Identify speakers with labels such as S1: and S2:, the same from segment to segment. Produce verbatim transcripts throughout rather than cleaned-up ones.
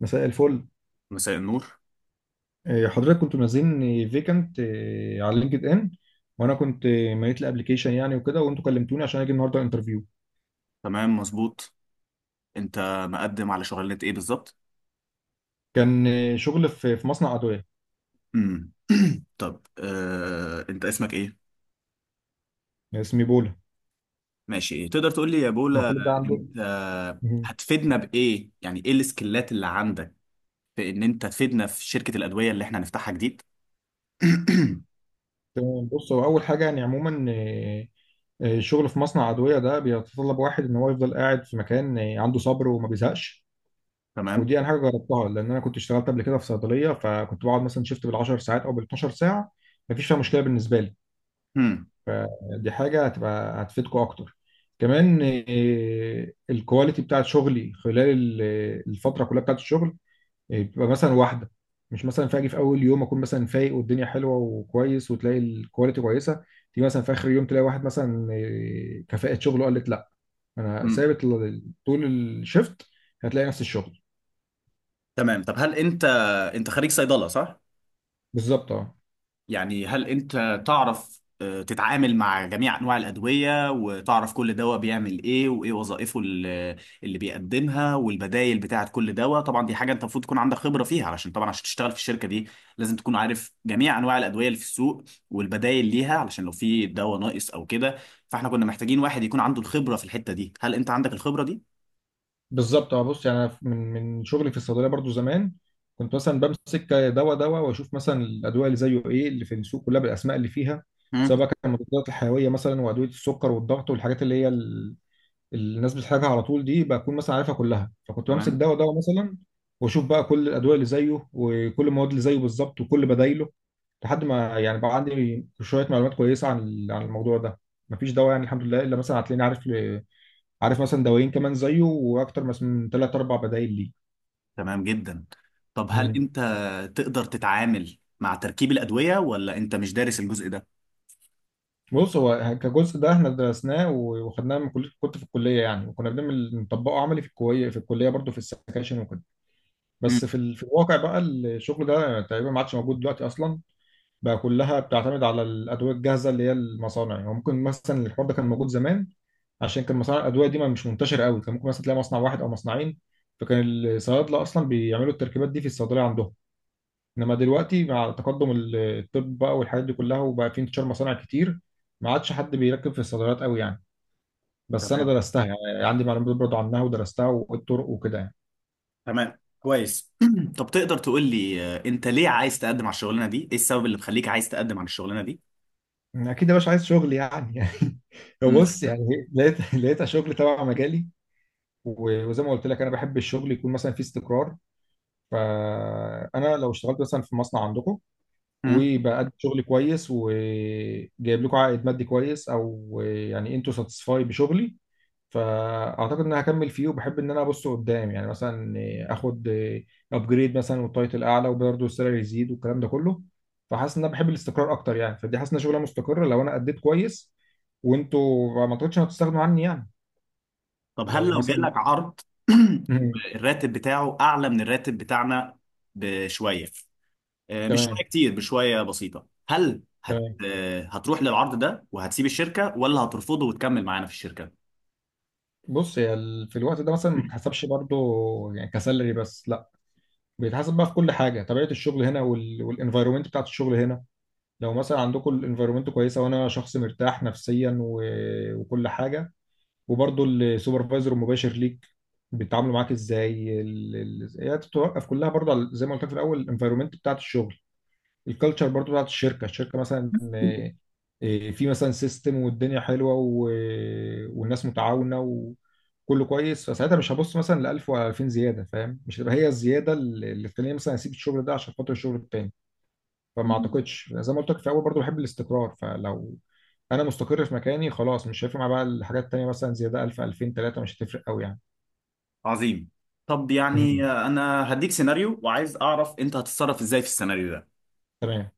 S1: مساء الفل.
S2: مساء النور.
S1: إيه، حضرتك كنتوا منزلين فيكنت على لينكد ان، وانا كنت إيه، مليت الابلكيشن يعني وكده، وانتوا كلمتوني عشان اجي النهارده انترفيو.
S2: تمام مظبوط. انت مقدم على شغلانة ايه بالظبط؟
S1: كان إيه، شغل في في مصنع ادويه.
S2: امم طب، آه، انت اسمك ايه؟
S1: اسمه بولا.
S2: ماشي، ايه تقدر تقول لي يا
S1: ما
S2: بولا؟
S1: كل ده عنده.
S2: انت
S1: مهم.
S2: هتفيدنا بايه؟ يعني ايه السكيلات اللي عندك في ان انت تفيدنا في شركة الأدوية اللي احنا هنفتحها جديد؟
S1: تمام، بص، هو اول حاجه يعني عموما، إيه، إيه، الشغل في مصنع ادويه ده بيتطلب واحد ان هو يفضل قاعد في مكان، إيه، عنده صبر وما بيزهقش.
S2: تمام.
S1: ودي انا حاجه جربتها، لان انا كنت اشتغلت قبل كده في صيدليه، فكنت بقعد مثلا شيفت بالعشر ساعات او بالاتناشر ساعه. مفيش فيها مشكله بالنسبه لي.
S2: امم
S1: فدي حاجة هتبقى هتفيدكم أكتر. كمان، آه، الكواليتي بتاعت شغلي خلال ال- الفترة كلها بتاعت الشغل، آه، بتبقى مثلا واحدة. مش مثلا فاجي في أول يوم أكون مثلا فايق والدنيا حلوة وكويس وتلاقي الكواليتي كويسة، تيجي مثلا في آخر يوم تلاقي واحد مثلا، آه، كفاءة شغله قالت لأ. أنا
S2: امم
S1: ثابت ل- طول الشفت، هتلاقي نفس الشغل
S2: تمام. طب هل انت انت خريج صيدلة، صح؟
S1: بالظبط. اه
S2: يعني هل انت تعرف، آه، تتعامل مع جميع انواع الادويه وتعرف كل دواء بيعمل ايه وايه وظائفه، ال- اللي بيقدمها والبدائل بتاعه كل دواء؟ طبعا دي حاجه انت المفروض تكون عندك خبره فيها، علشان طبعا عشان تشتغل في الشركه دي لازم تكون عارف جميع انواع الادويه اللي في السوق والبدائل ليها، علشان لو في دواء ناقص او كده. فاحنا كنا محتاجين واحد يكون عنده الخبره في الحته دي. هل انت عندك الخبره دي؟
S1: بالظبط اه، بص يعني أنا من من شغلي في الصيدليه برضو زمان كنت مثلا بمسك دواء دواء، واشوف مثلا الادويه اللي زيه ايه اللي في السوق كلها بالاسماء اللي فيها، سواء
S2: مم.
S1: بقى كان مضادات الحيويه مثلا وادويه السكر والضغط والحاجات اللي هي ال- الناس بتحتاجها على طول. دي بكون مثلا عارفها كلها، فكنت بمسك
S2: تمام.
S1: دواء دواء مثلا واشوف بقى كل الادويه اللي زيه وكل المواد اللي زيه بالظبط وكل بدايله، لحد ما يعني بقى عندي شويه معلومات كويسه عن ال- عن الموضوع ده. مفيش دواء يعني الحمد لله الا مثلا هتلاقيني عارف عارف مثلا دوايين كمان زيه واكتر، مس- من ثلاث اربع بدايل ليه.
S2: تمام جدا. طب هل
S1: مم.
S2: انت تقدر تتعامل مع تركيب الادويه، ولا انت مش دارس الجزء ده؟
S1: بص، هو كجزء ده احنا درسناه و- وخدناه من كليه، كنت في الكليه يعني، وكنا بنعمل نطبقه عملي في الكليه في الكليه برضه في السكاشن وكده.
S2: مم.
S1: بس في ال... في الواقع بقى الشغل ده تقريبا ما عادش موجود دلوقتي اصلا. بقى كلها بتعتمد على الادويه الجاهزه اللي هي المصانع يعني. ممكن مثلا الحوار ده كان موجود زمان، عشان كان مصانع الادويه دي ما مش منتشر قوي. كان ممكن مثلا تلاقي مصنع واحد او مصنعين، فكان الصيادله اصلا بيعملوا التركيبات دي في الصيدليه عندهم. انما دلوقتي مع تقدم ال- الطب بقى والحاجات دي كلها، وبقى في انتشار مصانع كتير، ما عادش حد بيركب في الصيدليات قوي يعني. بس انا
S2: تمام.
S1: درستها يعني، يعني عندي معلومات برضه عنها ودرستها والطرق وكده.
S2: تمام كويس. طب تقدر تقول لي، آه، انت ليه عايز تقدم على الشغلانه دي؟ ايه السبب اللي مخليك عايز تقدم على الشغلانه دي؟
S1: يعني اكيد يا باشا عايز شغل يعني. يعني
S2: مم.
S1: بص، يعني لقيت لقيت شغل تبع مجالي، و- وزي ما قلت لك انا بحب الشغل يكون مثلا فيه استقرار. فانا لو اشتغلت مثلا في مصنع عندكم،
S2: مم.
S1: وبقدم شغل كويس وجايب لكم عائد مادي كويس، او يعني انتوا ساتسفاي بشغلي، فاعتقد ان انا هكمل فيه. وبحب ان انا ابص قدام يعني، مثلا اخد ابجريد مثلا، والتايتل اعلى وبرضه السالري يزيد والكلام ده كله. فحاسس ان انا بحب الاستقرار اكتر يعني. فدي حاسس ان شغله مستقره، لو انا اديت كويس وانتوا ما اعتقدش إن هتستغنوا عني يعني.
S2: طب هل
S1: لو
S2: لو جالك
S1: مثلا
S2: عرض
S1: مم.
S2: الراتب بتاعه اعلى من الراتب بتاعنا بشويه، آه، مش
S1: تمام،
S2: شويه كتير، بشويه بسيطه، هل هت...
S1: تمام،
S2: آه، هتروح للعرض ده وهتسيب الشركه، ولا هترفضه وتكمل معانا في الشركه؟
S1: بص، هي ال- في الوقت ده مثلا ما بتحسبش برضه يعني كسالري بس، لا بيتحسب بقى في كل حاجه، طبيعه الشغل هنا وال... والانفايرومنت بتاعت الشغل هنا. لو مثلا عندكم الانفايرومنت كويسه، وانا شخص مرتاح نفسيا، و... وكل حاجه، وبرضه السوبرفايزر المباشر ليك بيتعاملوا معاك ازاي، ال... ال... هي بتتوقف كلها برضه على، زي ما قلت لك في الاول، الانفايرومنت بتاعت الشغل، الكالتشر برضو بتاعت الشركه. الشركه مثلا، آه، آه، في مثلا سيستم والدنيا حلوه، و... والناس متعاونه وكله كويس، فساعتها مش هبص مثلا ل ألف ولا ألفين زياده، فاهم؟ مش هتبقى هي الزياده اللي اللي تخليني مثلا اسيب الشغل ده عشان خاطر الشغل التاني. فما
S2: مم.
S1: اعتقدش، زي ما قلت لك في الاول برضو بحب الاستقرار. فلو انا مستقر في مكاني خلاص، مش هيفرق معايا بقى الحاجات التانيه، مثلا زياده ألف ألفين تلاته مش هتفرق قوي يعني.
S2: عظيم. طب يعني،
S1: مم.
S2: آه، انا هديك سيناريو، وعايز اعرف انت هتتصرف ازاي في السيناريو ده.
S1: تمام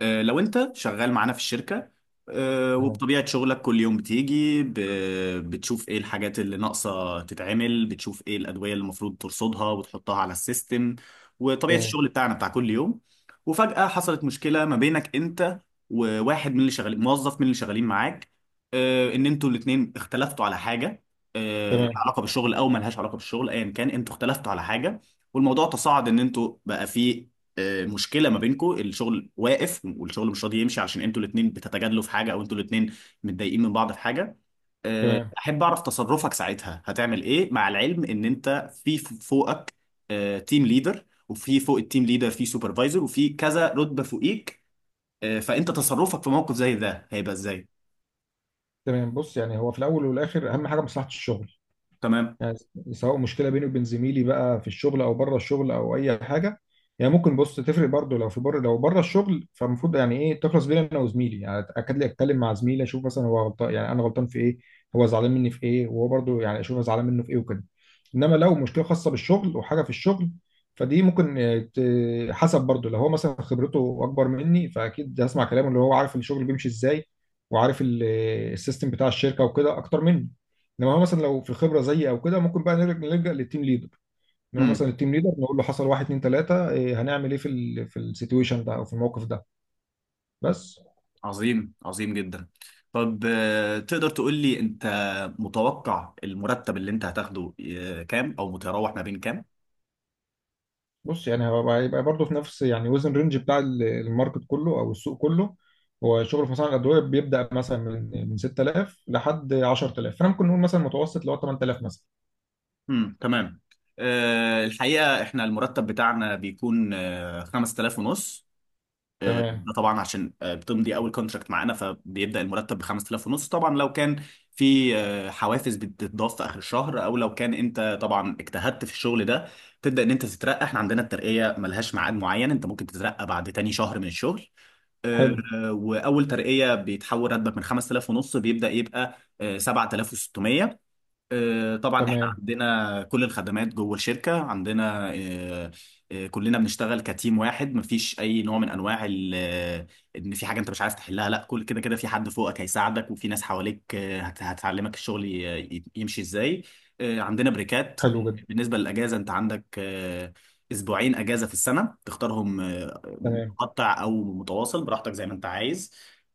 S2: آه، لو انت شغال معانا في الشركة، آه،
S1: اه.
S2: وبطبيعة شغلك كل يوم بتيجي ب- بتشوف ايه الحاجات اللي ناقصة تتعمل، بتشوف ايه الأدوية اللي المفروض ترصدها وتحطها على السيستم، وطبيعة
S1: تمام،
S2: الشغل بتاعنا بتاع كل يوم. وفجأة حصلت مشكلة ما بينك انت، وواحد من اللي شغالين، موظف من اللي شغالين معاك. آه، ان انتوا الاتنين اختلفتوا على حاجة، آه، لها
S1: تمام،
S2: علاقة بالشغل او ملهاش علاقة بالشغل، ايا كان انتوا اختلفتوا على حاجة. والموضوع تصاعد ان انتوا بقى فيه، آه، مشكله ما بينكم، الشغل واقف والشغل مش راضي يمشي عشان انتوا الاثنين بتتجادلوا في حاجه، او انتوا الاثنين متضايقين من بعض في حاجه. آه،
S1: تمام،
S2: احب اعرف تصرفك ساعتها هتعمل ايه، مع العلم ان انت في ف- فوقك تيم ليدر، وفي فوق التيم ليدر في سوبرفايزر، وفي كذا رتبه فوقيك. آه، فانت تصرفك في موقف زي ده هيبقى ازاي؟
S1: تمام، بص يعني، هو في الاول والاخر اهم حاجه مصلحه الشغل
S2: تمام.
S1: يعني. سواء مشكله بيني وبين زميلي بقى في الشغل او بره الشغل او اي حاجه، يعني ممكن بص تفرق برضه. لو في بره، لو بره الشغل، فالمفروض يعني ايه، تخلص بيني انا وزميلي يعني. اكاد لي اتكلم مع زميلي اشوف مثلا، هو غلطان يعني، انا غلطان في ايه، هو زعلان مني في ايه، وهو برضه يعني اشوف أنا زعلان منه في ايه وكده. انما لو مشكله خاصه بالشغل وحاجه في الشغل، فدي ممكن، آه، ت- حسب برضه. لو هو مثلا خبرته اكبر مني، فاكيد هسمع كلامه اللي هو عارف الشغل بيمشي ازاي وعارف ال- السيستم بتاع الشركه وكده اكتر مني. انما هو مثلا لو في الخبره زيي او كده، ممكن بقى نرجع نلجأ للتيم ليدر. نروح
S2: امم.
S1: مثلا للتيم ليدر نقول له حصل واحد اتنين تلاته، إيه هنعمل ايه في ال في السيتويشن ده او في الموقف ده. بس.
S2: عظيم. عظيم جدا. طب آه، تقدر تقول لي انت متوقع المرتب اللي انت هتاخده آه، كام، او متراوح ما بين كام؟
S1: بص يعني، هيبقى هيبقى برضه في نفس يعني وزن، رينج بتاع ال- الماركت كله او السوق كله. هو الشغل في مصانع الادويه بيبدا مثلا من من ستة آلاف لحد عشر آلاف، فانا ممكن نقول مثلا متوسط اللي هو تمن آلاف مثلا.
S2: امم. تمام. آه، الحقيقة احنا المرتب بتاعنا بيكون آه، خمس آلاف ونص.
S1: تمام.
S2: ده طبعا عشان آه، بتمضي اول كونتراكت معانا، فبيبدأ المرتب ب خمسة آلاف ونص. طبعا لو كان في آه، حوافز بتتضاف في اخر الشهر، او لو كان انت طبعا اجتهدت في الشغل ده تبدأ ان انت تترقى. احنا عندنا الترقية ملهاش ميعاد معين، انت ممكن تترقى بعد تاني شهر من الشغل. آه،
S1: حلو.
S2: آه، واول ترقية بيتحول راتبك من خمس آلاف ونص، بيبدأ يبقى آه، سبعة آلاف وستمية. آه، طبعا احنا
S1: تمام.
S2: عندنا كل الخدمات جوه الشركة. عندنا آه، آه، كلنا بنشتغل كتيم واحد، مفيش اي نوع من انواع ال- آه، ان في حاجة انت مش عايز تحلها، لا، كل كده كده في حد فوقك هيساعدك، وفي ناس حواليك آه، هت- هتعلمك الشغل ي- ي- يمشي ازاي. آه، عندنا بريكات.
S1: حلو جدا.
S2: بالنسبة للأجازة انت عندك، آه، اسبوعين أجازة في السنة تختارهم، آه،
S1: تمام،
S2: متقطع او متواصل، براحتك زي ما انت عايز.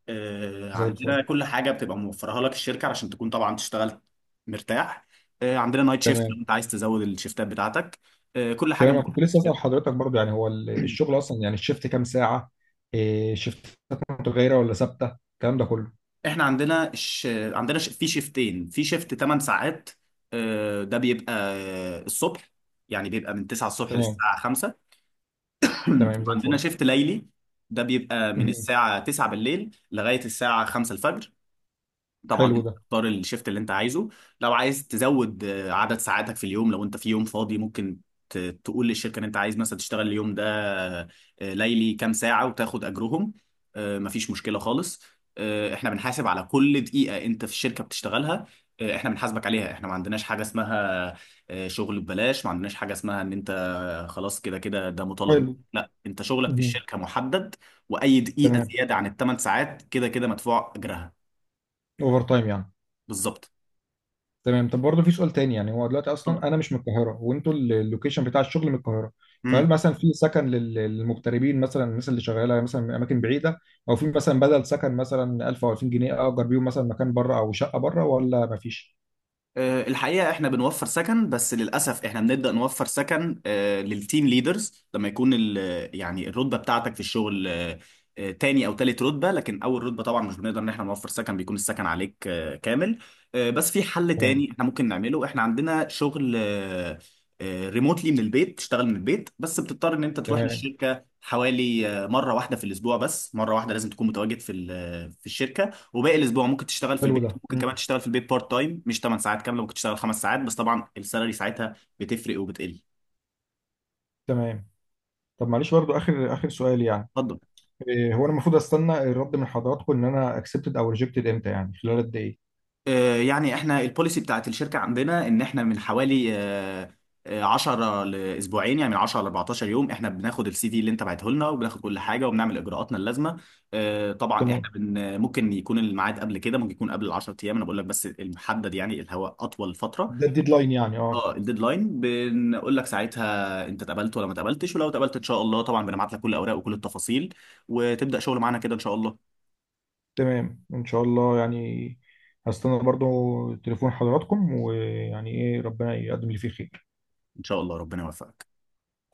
S2: آه،
S1: زي الفل.
S2: عندنا كل حاجة بتبقى موفرها لك الشركة عشان تكون طبعا تشتغل مرتاح. آه، عندنا نايت شيفت لو
S1: تمام.
S2: انت عايز تزود الشيفتات بتاعتك. آه، كل حاجه
S1: تمام، انا
S2: متاحه
S1: كنت
S2: في
S1: لسه اسال
S2: الشركه.
S1: حضرتك برضه يعني، هو ال- الشغل اصلا يعني الشيفت كام ساعه؟ إيه شيفتات متغيره ولا ثابته الكلام ده كله؟
S2: احنا عندنا ش... عندنا ش... في شيفتين. في شيفت ثمان ساعات، آه، ده بيبقى آه، الصبح، يعني بيبقى من تسعة الصبح
S1: تمام.
S2: للساعه خمسة.
S1: تمام، زي
S2: وعندنا
S1: الفل.
S2: شيفت ليلي، ده بيبقى من
S1: مهم.
S2: الساعه تسعة بالليل لغايه الساعه خمسة الفجر. طبعا
S1: حلو
S2: انت
S1: ده.
S2: تختار الشيفت اللي انت عايزه. لو عايز تزود آه، عدد ساعاتك في اليوم، لو انت في يوم فاضي ممكن ت- تقول للشركه ان انت عايز مثلا تشتغل اليوم ده آه، ليلي كام ساعه، وتاخد اجرهم. آه، مفيش مشكله خالص. آه، احنا بنحاسب على كل دقيقه انت في الشركه بتشتغلها. آه، احنا بنحاسبك عليها. احنا ما عندناش حاجه اسمها آه، شغل ببلاش، ما عندناش حاجه اسمها ان انت آه، خلاص كده كده ده مطالب منك،
S1: حلو.
S2: لا، انت شغلك في
S1: مهم.
S2: الشركه محدد. واي دقيقه
S1: تمام.
S2: زياده عن الثمان ساعات كده كده مدفوع اجرها.
S1: اوفر تايم يعني.
S2: بالظبط.
S1: تمام. طب برضه في سؤال تاني يعني، هو دلوقتي
S2: اتفضل.
S1: اصلا انا مش من القاهره، وانتوا ال- اللوكيشن بتاع الشغل من القاهره. فهل
S2: مم.
S1: مثلا في سكن لل- للمغتربين مثلا، الناس اللي شغاله مثلا من اماكن بعيده؟ او في مثلا بدل سكن مثلا ألف او ألفين جنيه اجر بيهم مثلا مكان بره او شقه بره، ولا مفيش؟
S2: آه، الحقيقة احنا بنوفر سكن، بس للأسف احنا بنبدأ نوفر سكن آه، للتيم ليدرز لما يكون ال- يعني الرتبة بتاعتك في الشغل، آه، آه، تاني أو تالت رتبة. لكن أول رتبة طبعا مش بنقدر إن احنا نوفر سكن، بيكون السكن عليك آه، كامل. آه، بس في حل
S1: تمام.
S2: تاني احنا ممكن نعمله. احنا عندنا شغل ريموتلي من البيت، تشتغل من البيت، بس بتضطر إن أنت تروح
S1: تمام.
S2: للشركة حوالي آه، مرة واحدة في الأسبوع، بس مرة واحدة لازم تكون متواجد في ال- آه، في الشركة. وباقي الاسبوع ممكن تشتغل في
S1: حلو ده.
S2: البيت، ممكن كمان تشتغل في البيت بارت تايم مش تمن ساعات كامله، ممكن تشتغل خمس ساعات بس، طبعا السالري ساعتها بتفرق وبتقل.
S1: تمام. طب معلش برضو اخر اخر سؤال يعني،
S2: اتفضل.
S1: إيه هو انا المفروض استنى الرد من حضراتكم ان انا اكسبتد او ريجكتد امتى يعني، خلال قد ايه؟
S2: آه يعني احنا البوليسي بتاعت الشركه عندنا ان احنا من حوالي آه آه، عشر لاسبوعين، يعني من عشر ل اربعتاشر يوم احنا بناخد السي في اللي انت بعته لنا، وبناخد كل حاجه وبنعمل اجراءاتنا اللازمه. آه طبعا احنا
S1: تمام.
S2: بن ممكن يكون الميعاد قبل كده، ممكن يكون قبل ال عشر ايام، انا بقول لك بس المحدد يعني اللي هو اطول فتره.
S1: ده الديدلاين يعني اه.
S2: اه، الديدلاين بنقول لك ساعتها انت اتقبلت ولا ما اتقبلتش، ولو اتقبلت ان شاء الله طبعا بنبعت لك كل الاوراق وكل التفاصيل وتبدا شغل معانا كده ان شاء الله.
S1: تمام ان شاء الله يعني، هستنى برضو تليفون حضراتكم، ويعني ايه، ربنا يقدم لي فيه خير.
S2: ان شاء الله. ربنا يوفقك.